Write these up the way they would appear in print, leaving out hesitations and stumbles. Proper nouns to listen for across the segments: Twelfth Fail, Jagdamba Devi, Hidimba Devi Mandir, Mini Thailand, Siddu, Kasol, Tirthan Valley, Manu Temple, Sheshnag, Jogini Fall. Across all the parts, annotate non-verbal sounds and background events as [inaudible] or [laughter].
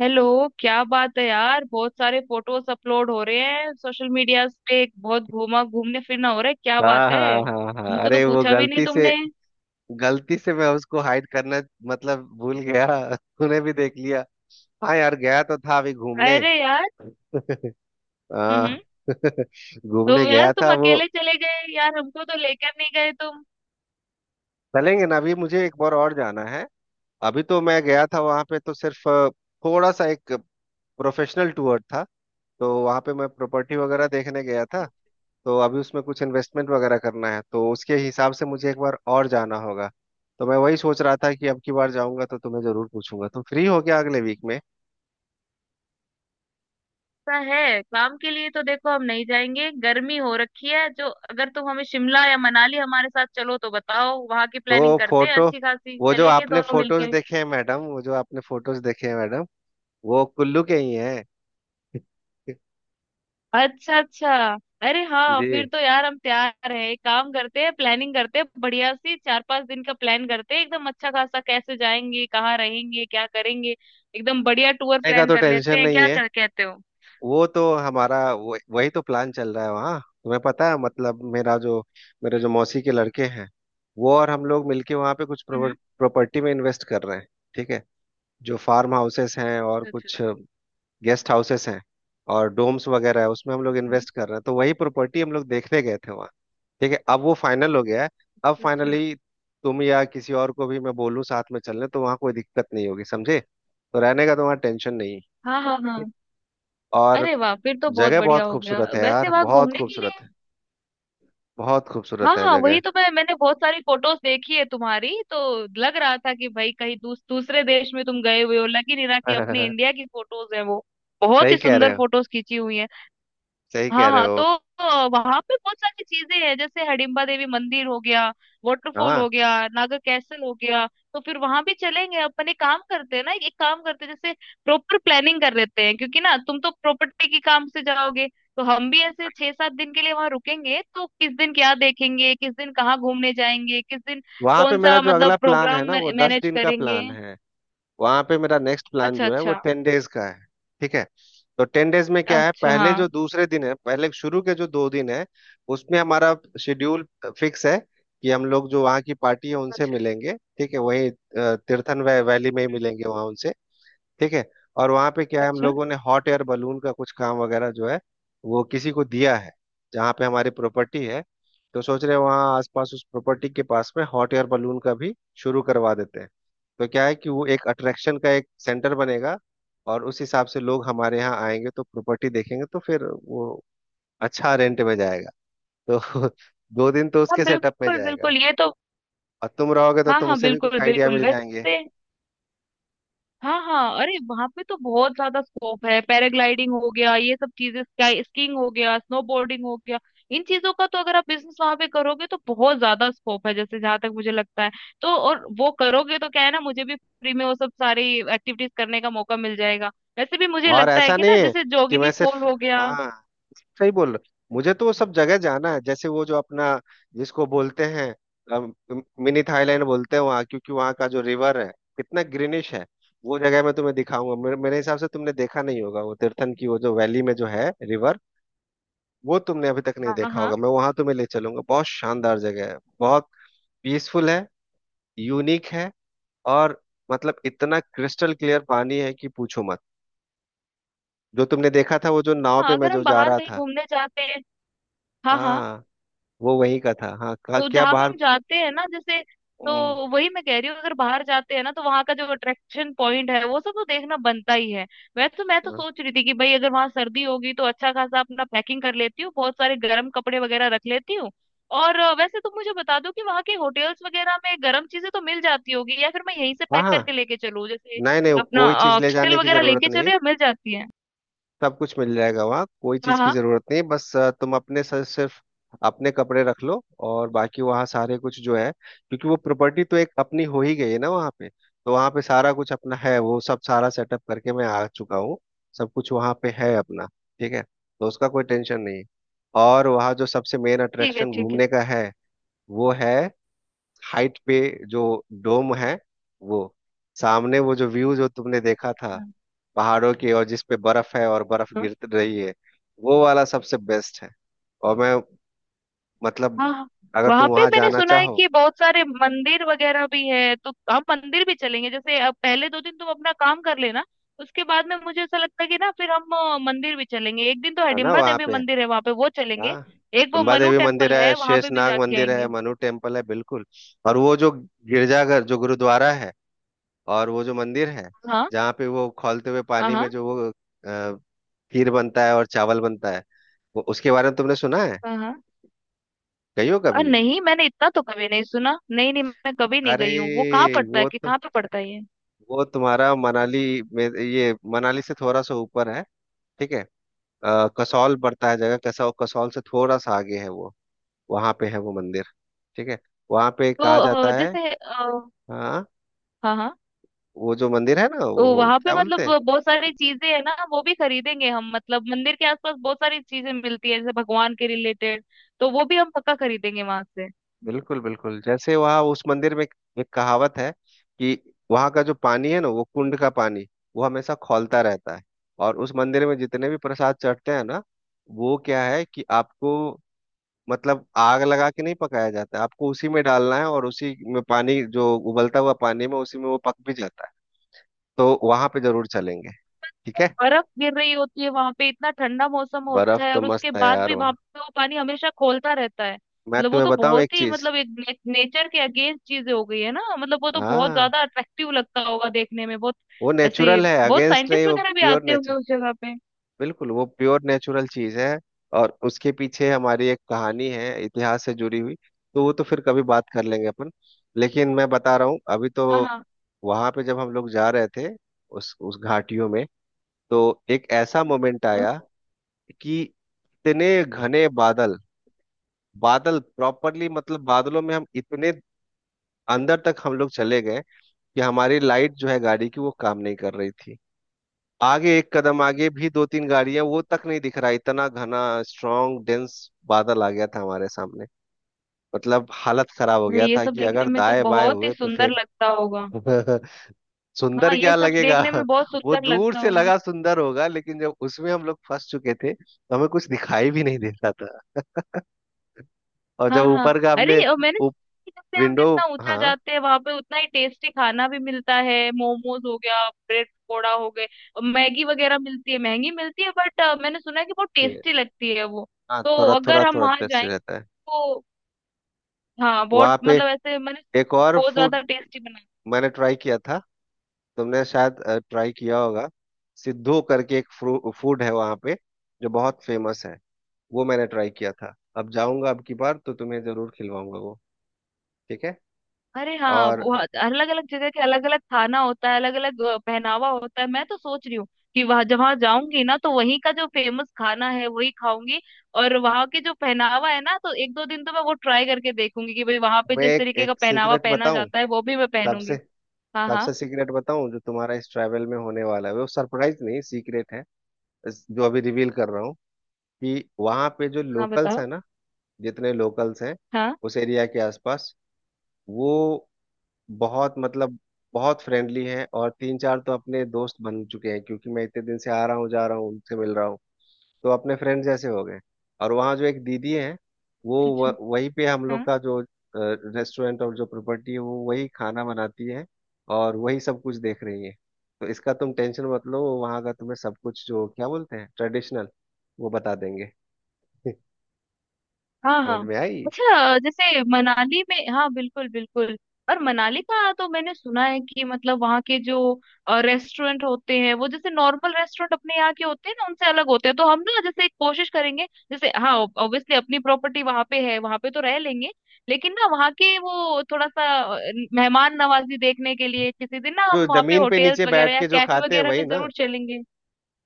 Hello. क्या बात है यार, बहुत सारे फोटोज अपलोड हो रहे हैं सोशल मीडिया पे। बहुत घूमा घूमने फिरना हो रहा है, क्या हाँ बात है? हाँ हाँ हाँ, हमको तो अरे वो पूछा भी नहीं गलती से तुमने। गलती से मैं उसको हाइड करना मतलब भूल गया। [laughs] तूने भी देख लिया। हाँ यार, गया तो था अभी घूमने। अरे यार। [laughs] हम्म। हाँ। [laughs] तो घूमने यार गया तुम था वो। अकेले चले गए यार, हमको तो लेकर नहीं गए तुम। चलेंगे ना, अभी मुझे एक बार और जाना है। अभी तो मैं गया था वहां पे, तो सिर्फ थोड़ा सा एक प्रोफेशनल टूर था। तो वहां पे मैं प्रॉपर्टी वगैरह देखने गया था। तो अभी उसमें कुछ इन्वेस्टमेंट वगैरह करना है, तो उसके हिसाब से मुझे एक बार और जाना होगा। तो मैं वही सोच रहा था कि अब की बार जाऊंगा तो तुम्हें जरूर पूछूंगा, तुम फ्री हो गया अगले वीक में। ऐसा है, काम के लिए तो देखो हम नहीं जाएंगे, गर्मी हो रखी है जो। अगर तुम हमें शिमला या मनाली हमारे साथ चलो तो बताओ, वहां की तो प्लानिंग करते हैं फोटो, अच्छी खासी, चलेंगे दोनों मिलके। वो जो आपने फोटोज देखे हैं मैडम, वो कुल्लू के ही हैं। [laughs] अच्छा अच्छा। अरे हाँ, फिर जी। तो यार हम तैयार है। एक काम करते हैं, प्लानिंग करते हैं बढ़िया सी, 4-5 दिन का प्लान करते हैं एकदम अच्छा खासा, कैसे जाएंगे, कहाँ रहेंगे, क्या करेंगे। एकदम बढ़िया टूर खाने का प्लान तो कर लेते टेंशन हैं, नहीं क्या है। कहते हो? वो तो हमारा वही तो प्लान चल रहा है, वहाँ तुम्हें पता है। मतलब मेरा जो मेरे हम्म। जो मौसी के लड़के हैं वो और हम लोग मिलके वहाँ पे कुछ हम्म। प्रॉपर्टी में इन्वेस्ट कर रहे हैं। ठीक है। जो फार्म हाउसेस हैं और अच्छा। कुछ गेस्ट हाउसेस हैं और डोम्स वगैरह है, उसमें हम लोग हम्म। इन्वेस्ट कर रहे हैं, तो वही प्रॉपर्टी हम लोग देखने गए थे वहाँ। ठीक है, अब वो फाइनल हो गया है। अब अच्छा। फाइनली तुम या किसी और को भी मैं बोलूँ साथ में चलने तो वहाँ कोई दिक्कत नहीं होगी, समझे? तो रहने का तो वहाँ टेंशन नहीं हाँ हाँ है। हाँ। और अरे वाह, फिर तो बहुत जगह बढ़िया बहुत हो गया, खूबसूरत है वैसे यार, वहां बहुत घूमने के खूबसूरत लिए। है, बहुत हाँ खूबसूरत है हाँ, जगह। वही तो मैंने बहुत सारी फोटोज देखी है तुम्हारी तो। लग रहा था कि भाई कहीं दूसरे देश में तुम गए हुए हो, लग ही नहीं रहा कि अपने [laughs] इंडिया की फोटोज हैं वो। बहुत सही ही कह रहे सुंदर हो, फोटोज खींची हुई हैं। सही कह हाँ रहे हाँ तो, हो। वहां पे बहुत सारी चीजें हैं जैसे हडिम्बा देवी मंदिर हो गया, वाटरफॉल हाँ, हो गया, नागा कैसल हो गया। तो फिर वहां भी चलेंगे अपन, एक काम करते हैं ना, एक काम करते हैं जैसे प्रॉपर प्लानिंग कर लेते हैं, क्योंकि ना तुम तो प्रॉपर्टी के काम से जाओगे, तो हम भी ऐसे 6-7 दिन के लिए वहां रुकेंगे, तो किस दिन क्या देखेंगे, किस दिन कहाँ घूमने जाएंगे, किस दिन वहां पे कौन मेरा सा जो अगला मतलब प्लान है प्रोग्राम ना, वो दस मैनेज दिन का करेंगे। प्लान है। वहां पे मेरा नेक्स्ट प्लान अच्छा जो है वो अच्छा। 10 days का है। ठीक है। तो 10 days में क्या है, अच्छा पहले हाँ। जो दूसरे दिन है, पहले शुरू के जो 2 दिन है उसमें हमारा शेड्यूल फिक्स है कि हम लोग जो वहाँ की पार्टी है उनसे अच्छा। मिलेंगे। ठीक है, वहीं हम्म। वैली में ही हम्म। मिलेंगे वहाँ उनसे। ठीक है। और वहां पे क्या है, हम अच्छा। लोगों ने हॉट एयर बलून का कुछ काम वगैरह जो है वो किसी को दिया है, जहाँ पे हमारी प्रॉपर्टी है। तो सोच रहे हैं वहाँ आसपास उस प्रॉपर्टी के पास में हॉट एयर बलून का भी शुरू करवा देते हैं। तो क्या है कि वो एक अट्रैक्शन का एक सेंटर बनेगा, और उस हिसाब से लोग हमारे यहाँ आएंगे, तो प्रॉपर्टी देखेंगे तो फिर वो अच्छा रेंट में जाएगा। तो [laughs] 2 दिन तो हाँ उसके सेटअप में बिल्कुल जाएगा। बिल्कुल, ये तो। और तुम रहोगे तो हाँ हाँ तुमसे भी बिल्कुल कुछ आइडिया बिल्कुल, मिल जाएंगे। वैसे। हाँ हाँ, अरे वहां पे तो बहुत ज्यादा स्कोप है, पैराग्लाइडिंग हो गया, ये सब चीजें, स्काई स्कीइंग हो गया, स्नोबोर्डिंग हो गया। इन चीजों का तो अगर आप बिजनेस वहां पे करोगे तो बहुत ज्यादा स्कोप है, जैसे जहां तक मुझे लगता है। तो और वो करोगे तो क्या है ना, मुझे भी फ्री में वो सब सारी एक्टिविटीज करने का मौका मिल जाएगा। वैसे भी मुझे और लगता है ऐसा कि नहीं ना, है जैसे कि मैं जोगिनी फॉल सिर्फ... हो गया। हाँ, सही बोल रहे हो। मुझे तो वो सब जगह जाना है, जैसे वो जो अपना जिसको बोलते हैं अम, मिनी थाईलैंड बोलते हैं वहाँ, क्योंकि वहाँ का जो रिवर है कितना ग्रीनिश है। वो जगह मैं तुम्हें दिखाऊंगा, मेरे हिसाब से तुमने देखा नहीं होगा। वो तीर्थन की वो जो वैली में जो है रिवर, वो तुमने अभी तक नहीं हाँ देखा हाँ होगा। मैं वहां तुम्हें ले चलूंगा, बहुत शानदार जगह है, बहुत पीसफुल है, यूनिक है। और मतलब इतना क्रिस्टल क्लियर पानी है कि पूछो मत। जो तुमने देखा था वो जो नाव हाँ। पे मैं अगर हम जो जा बाहर रहा कहीं था, घूमने जाते हैं, हाँ हाँ, हाँ, वो वही का था। हाँ, तो क्या जहां पे बाहर? हम जाते हैं ना जैसे, तो हम्म, वही मैं कह रही हूँ, अगर बाहर जाते हैं ना तो वहां का जो अट्रैक्शन पॉइंट है वो सब तो देखना बनता ही है। वैसे तो मैं तो हाँ सोच रही थी कि भाई अगर वहां सर्दी होगी तो अच्छा खासा अपना पैकिंग कर लेती हूँ, बहुत सारे गर्म कपड़े वगैरह रख लेती हूँ। और वैसे तुम मुझे बता दो कि वहाँ के होटल्स वगैरह में गर्म चीजें तो मिल जाती होगी, या फिर मैं यहीं से हाँ पैक करके हाँ, लेके चलूँ जैसे नहीं नहीं, वो अपना कोई चीज ले कस्टेल जाने की वगैरह जरूरत लेके नहीं है। चलूँ, या मिल जाती है? सब कुछ मिल जाएगा वहाँ, कोई हाँ चीज की हाँ। जरूरत नहीं है, बस तुम अपने सर सिर्फ अपने कपड़े रख लो। और बाकी वहाँ सारे कुछ जो है, क्योंकि वो प्रॉपर्टी तो एक अपनी हो ही गई है ना वहाँ पे, तो वहाँ पे सारा कुछ अपना है, वो सब सारा सेटअप करके मैं आ चुका हूँ। सब कुछ वहाँ पे है अपना। ठीक है, तो उसका कोई टेंशन नहीं है। और वहाँ जो सबसे मेन ठीक है अट्रैक्शन ठीक है। घूमने का है वो है हाइट पे जो डोम है वो, सामने वो जो व्यू जो तुमने अच्छा देखा अच्छा। था, हाँ। पहाड़ों की, और जिस पे बर्फ है और बर्फ गिर रही है, वो वाला सबसे बेस्ट है। और मैं, मतलब हाँ, अगर तुम वहां पे वहां मैंने जाना सुना है चाहो... कि बहुत सारे मंदिर वगैरह भी है, तो हम मंदिर भी चलेंगे। जैसे अब पहले 2 दिन तुम अपना काम कर लेना, उसके बाद में मुझे ऐसा लगता है कि ना फिर हम मंदिर भी चलेंगे। एक दिन तो है ना हिडिंबा वहां देवी पे? मंदिर है वहां पे, वो चलेंगे। हाँ, एक वो जगदम्बा मनु देवी मंदिर टेम्पल है, है वहां पे भी शेषनाग जाके मंदिर है, आएंगे। मनु टेम्पल है, बिल्कुल। और वो जो गिरजाघर जो गुरुद्वारा है, और वो जो मंदिर है हाँ जहाँ पे वो खौलते हुए हाँ। पानी में हाँ जो वो खीर बनता है और चावल बनता है, वो उसके बारे में तुमने सुना है? हाँ हाँ। गई हो और कभी? नहीं, मैंने इतना तो कभी नहीं सुना, नहीं नहीं मैं कभी नहीं अरे गई हूँ। वो कहाँ पड़ता है, वो कि तो, कहाँ पे पड़ता है ये? वो तुम्हारा मनाली में, ये मनाली से थोड़ा सा ऊपर है। ठीक है। कसौल पड़ता है जगह, कसौल से थोड़ा सा आगे है वो, वहां पे है वो मंदिर। ठीक है, वहां पे तो कहा जाता है। जैसे हाँ, हाँ हाँ, वो जो मंदिर है ना, तो वो वहां पे क्या मतलब बोलते हैं। बहुत सारी चीजें है ना, वो भी खरीदेंगे हम, मतलब मंदिर के आसपास बहुत सारी चीजें मिलती है जैसे भगवान के रिलेटेड, तो वो भी हम पक्का खरीदेंगे वहां से। बिल्कुल बिल्कुल, जैसे वहाँ उस मंदिर में एक एक कहावत है कि वहाँ का जो पानी है ना, वो कुंड का पानी, वो हमेशा खौलता रहता है। और उस मंदिर में जितने भी प्रसाद चढ़ते हैं ना, वो क्या है कि आपको, मतलब आग लगा के नहीं पकाया जाता है, आपको उसी में डालना है और उसी में पानी, जो उबलता हुआ पानी में, उसी में वो पक भी जाता है। तो वहां पे जरूर चलेंगे। ठीक है। बर्फ गिर रही होती है वहां पे, इतना ठंडा मौसम होता बर्फ है तो और उसके मस्त है बाद यार भी वहां वहाँ, पे वो पानी हमेशा खोलता रहता है, मैं मतलब वो तुम्हें तो बताऊं एक बहुत ही चीज। मतलब एक नेचर के अगेंस्ट चीजें हो गई है ना, मतलब वो तो बहुत हाँ, ज्यादा अट्रैक्टिव लगता होगा देखने में, बहुत वो ऐसे, नेचुरल है, बहुत अगेंस्ट नहीं, साइंटिस्ट वो वगैरह भी प्योर आते होंगे नेचुर... उस जगह पे। बिल्कुल, वो प्योर नेचुरल चीज है। और उसके पीछे हमारी एक कहानी है इतिहास से जुड़ी हुई, तो वो तो फिर कभी बात कर लेंगे अपन। लेकिन मैं बता रहा हूँ अभी तो, हाँ हाँ। वहां पे जब हम लोग जा रहे थे उस घाटियों में, तो एक ऐसा मोमेंट हम्म। आया कि इतने घने बादल, बादल प्रॉपरली, मतलब बादलों में हम इतने अंदर तक हम लोग चले गए कि हमारी लाइट जो है गाड़ी की वो काम नहीं कर रही थी। आगे एक कदम आगे भी दो तीन गाड़ियां वो तक नहीं दिख रहा, इतना घना, स्ट्रांग डेंस बादल आ गया था हमारे सामने। मतलब हालत खराब हो अरे गया ये था सब कि देखने अगर में तो दाएं बाएं बहुत ही हुए तो सुंदर फिर... लगता होगा। [laughs] हाँ सुंदर ये क्या सब लगेगा, देखने में बहुत [laughs] वो सुंदर दूर लगता से होगा। लगा सुंदर होगा, लेकिन जब उसमें हम लोग फंस चुके थे तो हमें कुछ दिखाई भी नहीं देता। और हाँ जब हाँ, ऊपर का अरे आपने और मैंने सुना है कि जैसे हम विंडो... जितना ऊंचा हाँ। जाते हैं वहां पे, उतना ही टेस्टी खाना भी मिलता है, मोमोज हो गया, ब्रेड पकौड़ा हो गए, और मैगी वगैरह मिलती है महंगी मिलती है, बट मैंने सुना है कि बहुत ये- टेस्टी लगती है वो, हाँ, तो थोड़ा अगर थोड़ा हम थोड़ा वहां टेस्ट जाएं रहता है। तो हाँ बहुत वहाँ पे मतलब ऐसे मैंने, एक और बहुत फूड ज्यादा टेस्टी। मैंने ट्राई किया था, तुमने शायद ट्राई किया होगा, सिद्धू करके एक फूड है वहाँ पे जो बहुत फेमस है। वो मैंने ट्राई किया था, अब जाऊंगा अब की बार तो तुम्हें जरूर खिलवाऊंगा वो। ठीक है। अरे हाँ, और बहुत अलग अलग जगह के अलग अलग खाना होता है, अलग अलग पहनावा होता है। मैं तो सोच रही हूँ कि वहां जहाँ जाऊंगी ना, तो वहीं का जो फेमस खाना है वही खाऊंगी, और वहां के जो पहनावा है ना, तो एक दो दिन तो मैं वो ट्राई करके देखूंगी कि भाई वहां पे मैं जिस एक, तरीके का एक पहनावा सीक्रेट पहना बताऊं, जाता है वो भी मैं सबसे पहनूंगी। हाँ हाँ। सबसे सीक्रेट बताऊं, जो तुम्हारा इस ट्रैवल में होने वाला है, वो सरप्राइज नहीं सीक्रेट है। जो अभी रिवील कर रहा हूँ, कि वहां पे जो हाँ लोकल्स बताओ। है ना, जितने लोकल्स हैं हाँ। उस एरिया के आसपास, वो बहुत, मतलब बहुत फ्रेंडली हैं। और तीन चार तो अपने दोस्त बन चुके हैं, क्योंकि मैं इतने दिन से आ रहा हूँ जा रहा हूँ उनसे मिल रहा हूँ, तो अपने फ्रेंड जैसे हो गए। और वहाँ जो एक दीदी है वो, अच्छा अच्छा। वहीं पे हम लोग का जो रेस्टोरेंट और जो प्रॉपर्टी है, वो वही खाना बनाती है और वही सब कुछ देख रही है। तो इसका तुम टेंशन मत लो, वहाँ का तुम्हें सब कुछ जो क्या बोलते हैं ट्रेडिशनल, वो बता देंगे। [laughs] हाँ समझ हाँ। में आई? अच्छा जैसे मनाली में, हाँ बिल्कुल बिल्कुल, और मनाली का तो मैंने सुना है कि मतलब वहाँ के जो रेस्टोरेंट होते हैं वो जैसे नॉर्मल रेस्टोरेंट अपने यहाँ के होते हैं ना उनसे अलग होते हैं, तो हम ना जैसे कोशिश करेंगे, जैसे हाँ ऑब्वियसली अपनी प्रॉपर्टी वहाँ पे है वहाँ पे तो रह लेंगे, लेकिन ना वहाँ के वो थोड़ा सा मेहमान नवाजी देखने के लिए किसी दिन ना जो हम वहाँ पे जमीन पे होटेल्स नीचे वगैरह बैठ या के जो कैफे खाते हैं वगैरह वही में ना, जरूर चलेंगे।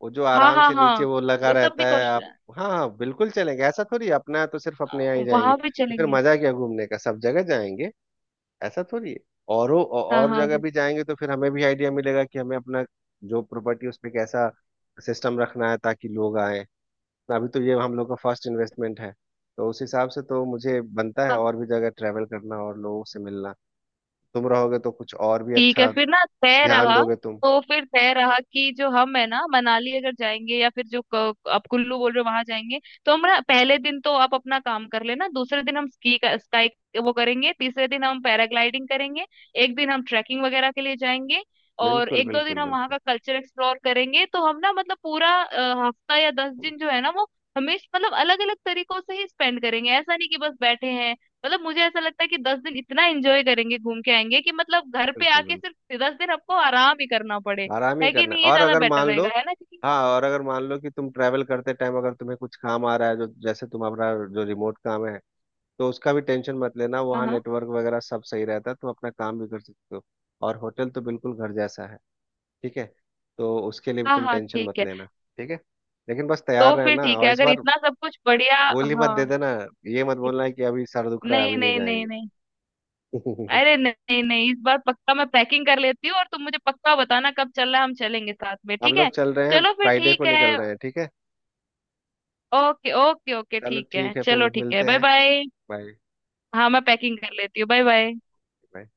वो जो हाँ आराम हाँ से हाँ। नीचे वो लगा वो सब रहता भी है कोशिश, आप। हाँ हाँ, बिल्कुल चलेंगे, ऐसा थोड़ी है, अपना है तो सिर्फ अपने यहाँ ही जाएंगे, वहां भी तो फिर चलेंगे। मजा क्या घूमने का, सब जगह जाएंगे। ऐसा थोड़ी है। और हाँ और हाँ जगह बिल्कुल। भी जाएंगे तो फिर हमें भी आइडिया मिलेगा कि हमें अपना जो प्रॉपर्टी उस पे कैसा सिस्टम रखना है, ताकि लोग आए। अभी तो ये हम लोग का फर्स्ट इन्वेस्टमेंट है, तो उस हिसाब से तो मुझे बनता है और भी जगह ट्रैवल करना और लोगों से मिलना। तुम रहोगे तो कुछ और भी ठीक है अच्छा फिर ना, तय ध्यान रहा। दोगे तुम। तो फिर तय रहा कि जो हम है ना, मनाली अगर जाएंगे या फिर जो आप कुल्लू बोल रहे हो वहां जाएंगे, तो हम ना पहले दिन तो आप अपना काम कर लेना, दूसरे दिन हम स्की का स्काई वो करेंगे, तीसरे दिन हम पैराग्लाइडिंग करेंगे, एक दिन हम ट्रैकिंग वगैरह के लिए जाएंगे, और बिल्कुल एक दो दिन बिल्कुल हम वहाँ बिल्कुल का कल्चर एक्सप्लोर करेंगे। तो हम ना मतलब पूरा हफ्ता या 10 दिन जो है ना वो, हमें मतलब अलग अलग तरीकों से ही स्पेंड करेंगे, ऐसा नहीं कि बस बैठे हैं। मतलब मुझे ऐसा लगता है कि 10 दिन इतना एंजॉय करेंगे घूम के आएंगे कि मतलब घर पे बिल्कुल आके बिल्कुल, सिर्फ 10 दिन आपको आराम ही करना पड़े, आराम ही है कि करना नहीं, है। ये और ज्यादा अगर बेटर मान लो... रहेगा है ना? क्योंकि हाँ, और अगर मान लो कि तुम ट्रैवल करते टाइम अगर तुम्हें कुछ काम आ रहा है, जो जैसे तुम्हारा जो रिमोट काम है, तो उसका भी टेंशन मत लेना, हाँ वहाँ हाँ। नेटवर्क वगैरह सब सही रहता है, तुम अपना काम भी कर सकते हो। और होटल तो बिल्कुल घर जैसा है। ठीक है, तो उसके लिए भी हाँ तुम हाँ टेंशन ठीक मत है। लेना। ठीक है, लेकिन बस तैयार तो फिर रहना ठीक है और इस अगर बार इतना सब कुछ बढ़िया। गोली मत दे हाँ। देना, ये मत इत- बोलना है कि अभी सर दुख रहा है, नहीं अभी नहीं नहीं नहीं जाएंगे। नहीं, अरे [laughs] नहीं नहीं, इस बार पक्का मैं पैकिंग कर लेती हूँ, और तुम मुझे पक्का बताना कब चलना है, हम चलेंगे साथ में, हम ठीक लोग है? चल रहे हैं, चलो फिर फ्राइडे को ठीक है। निकल रहे हैं। ठीक है, ओके ओके ओके चलो ठीक है, ठीक है, फिर चलो ठीक है, मिलते बाय हैं। बाय। बाय। हाँ मैं पैकिंग कर लेती हूँ, बाय बाय। नहीं।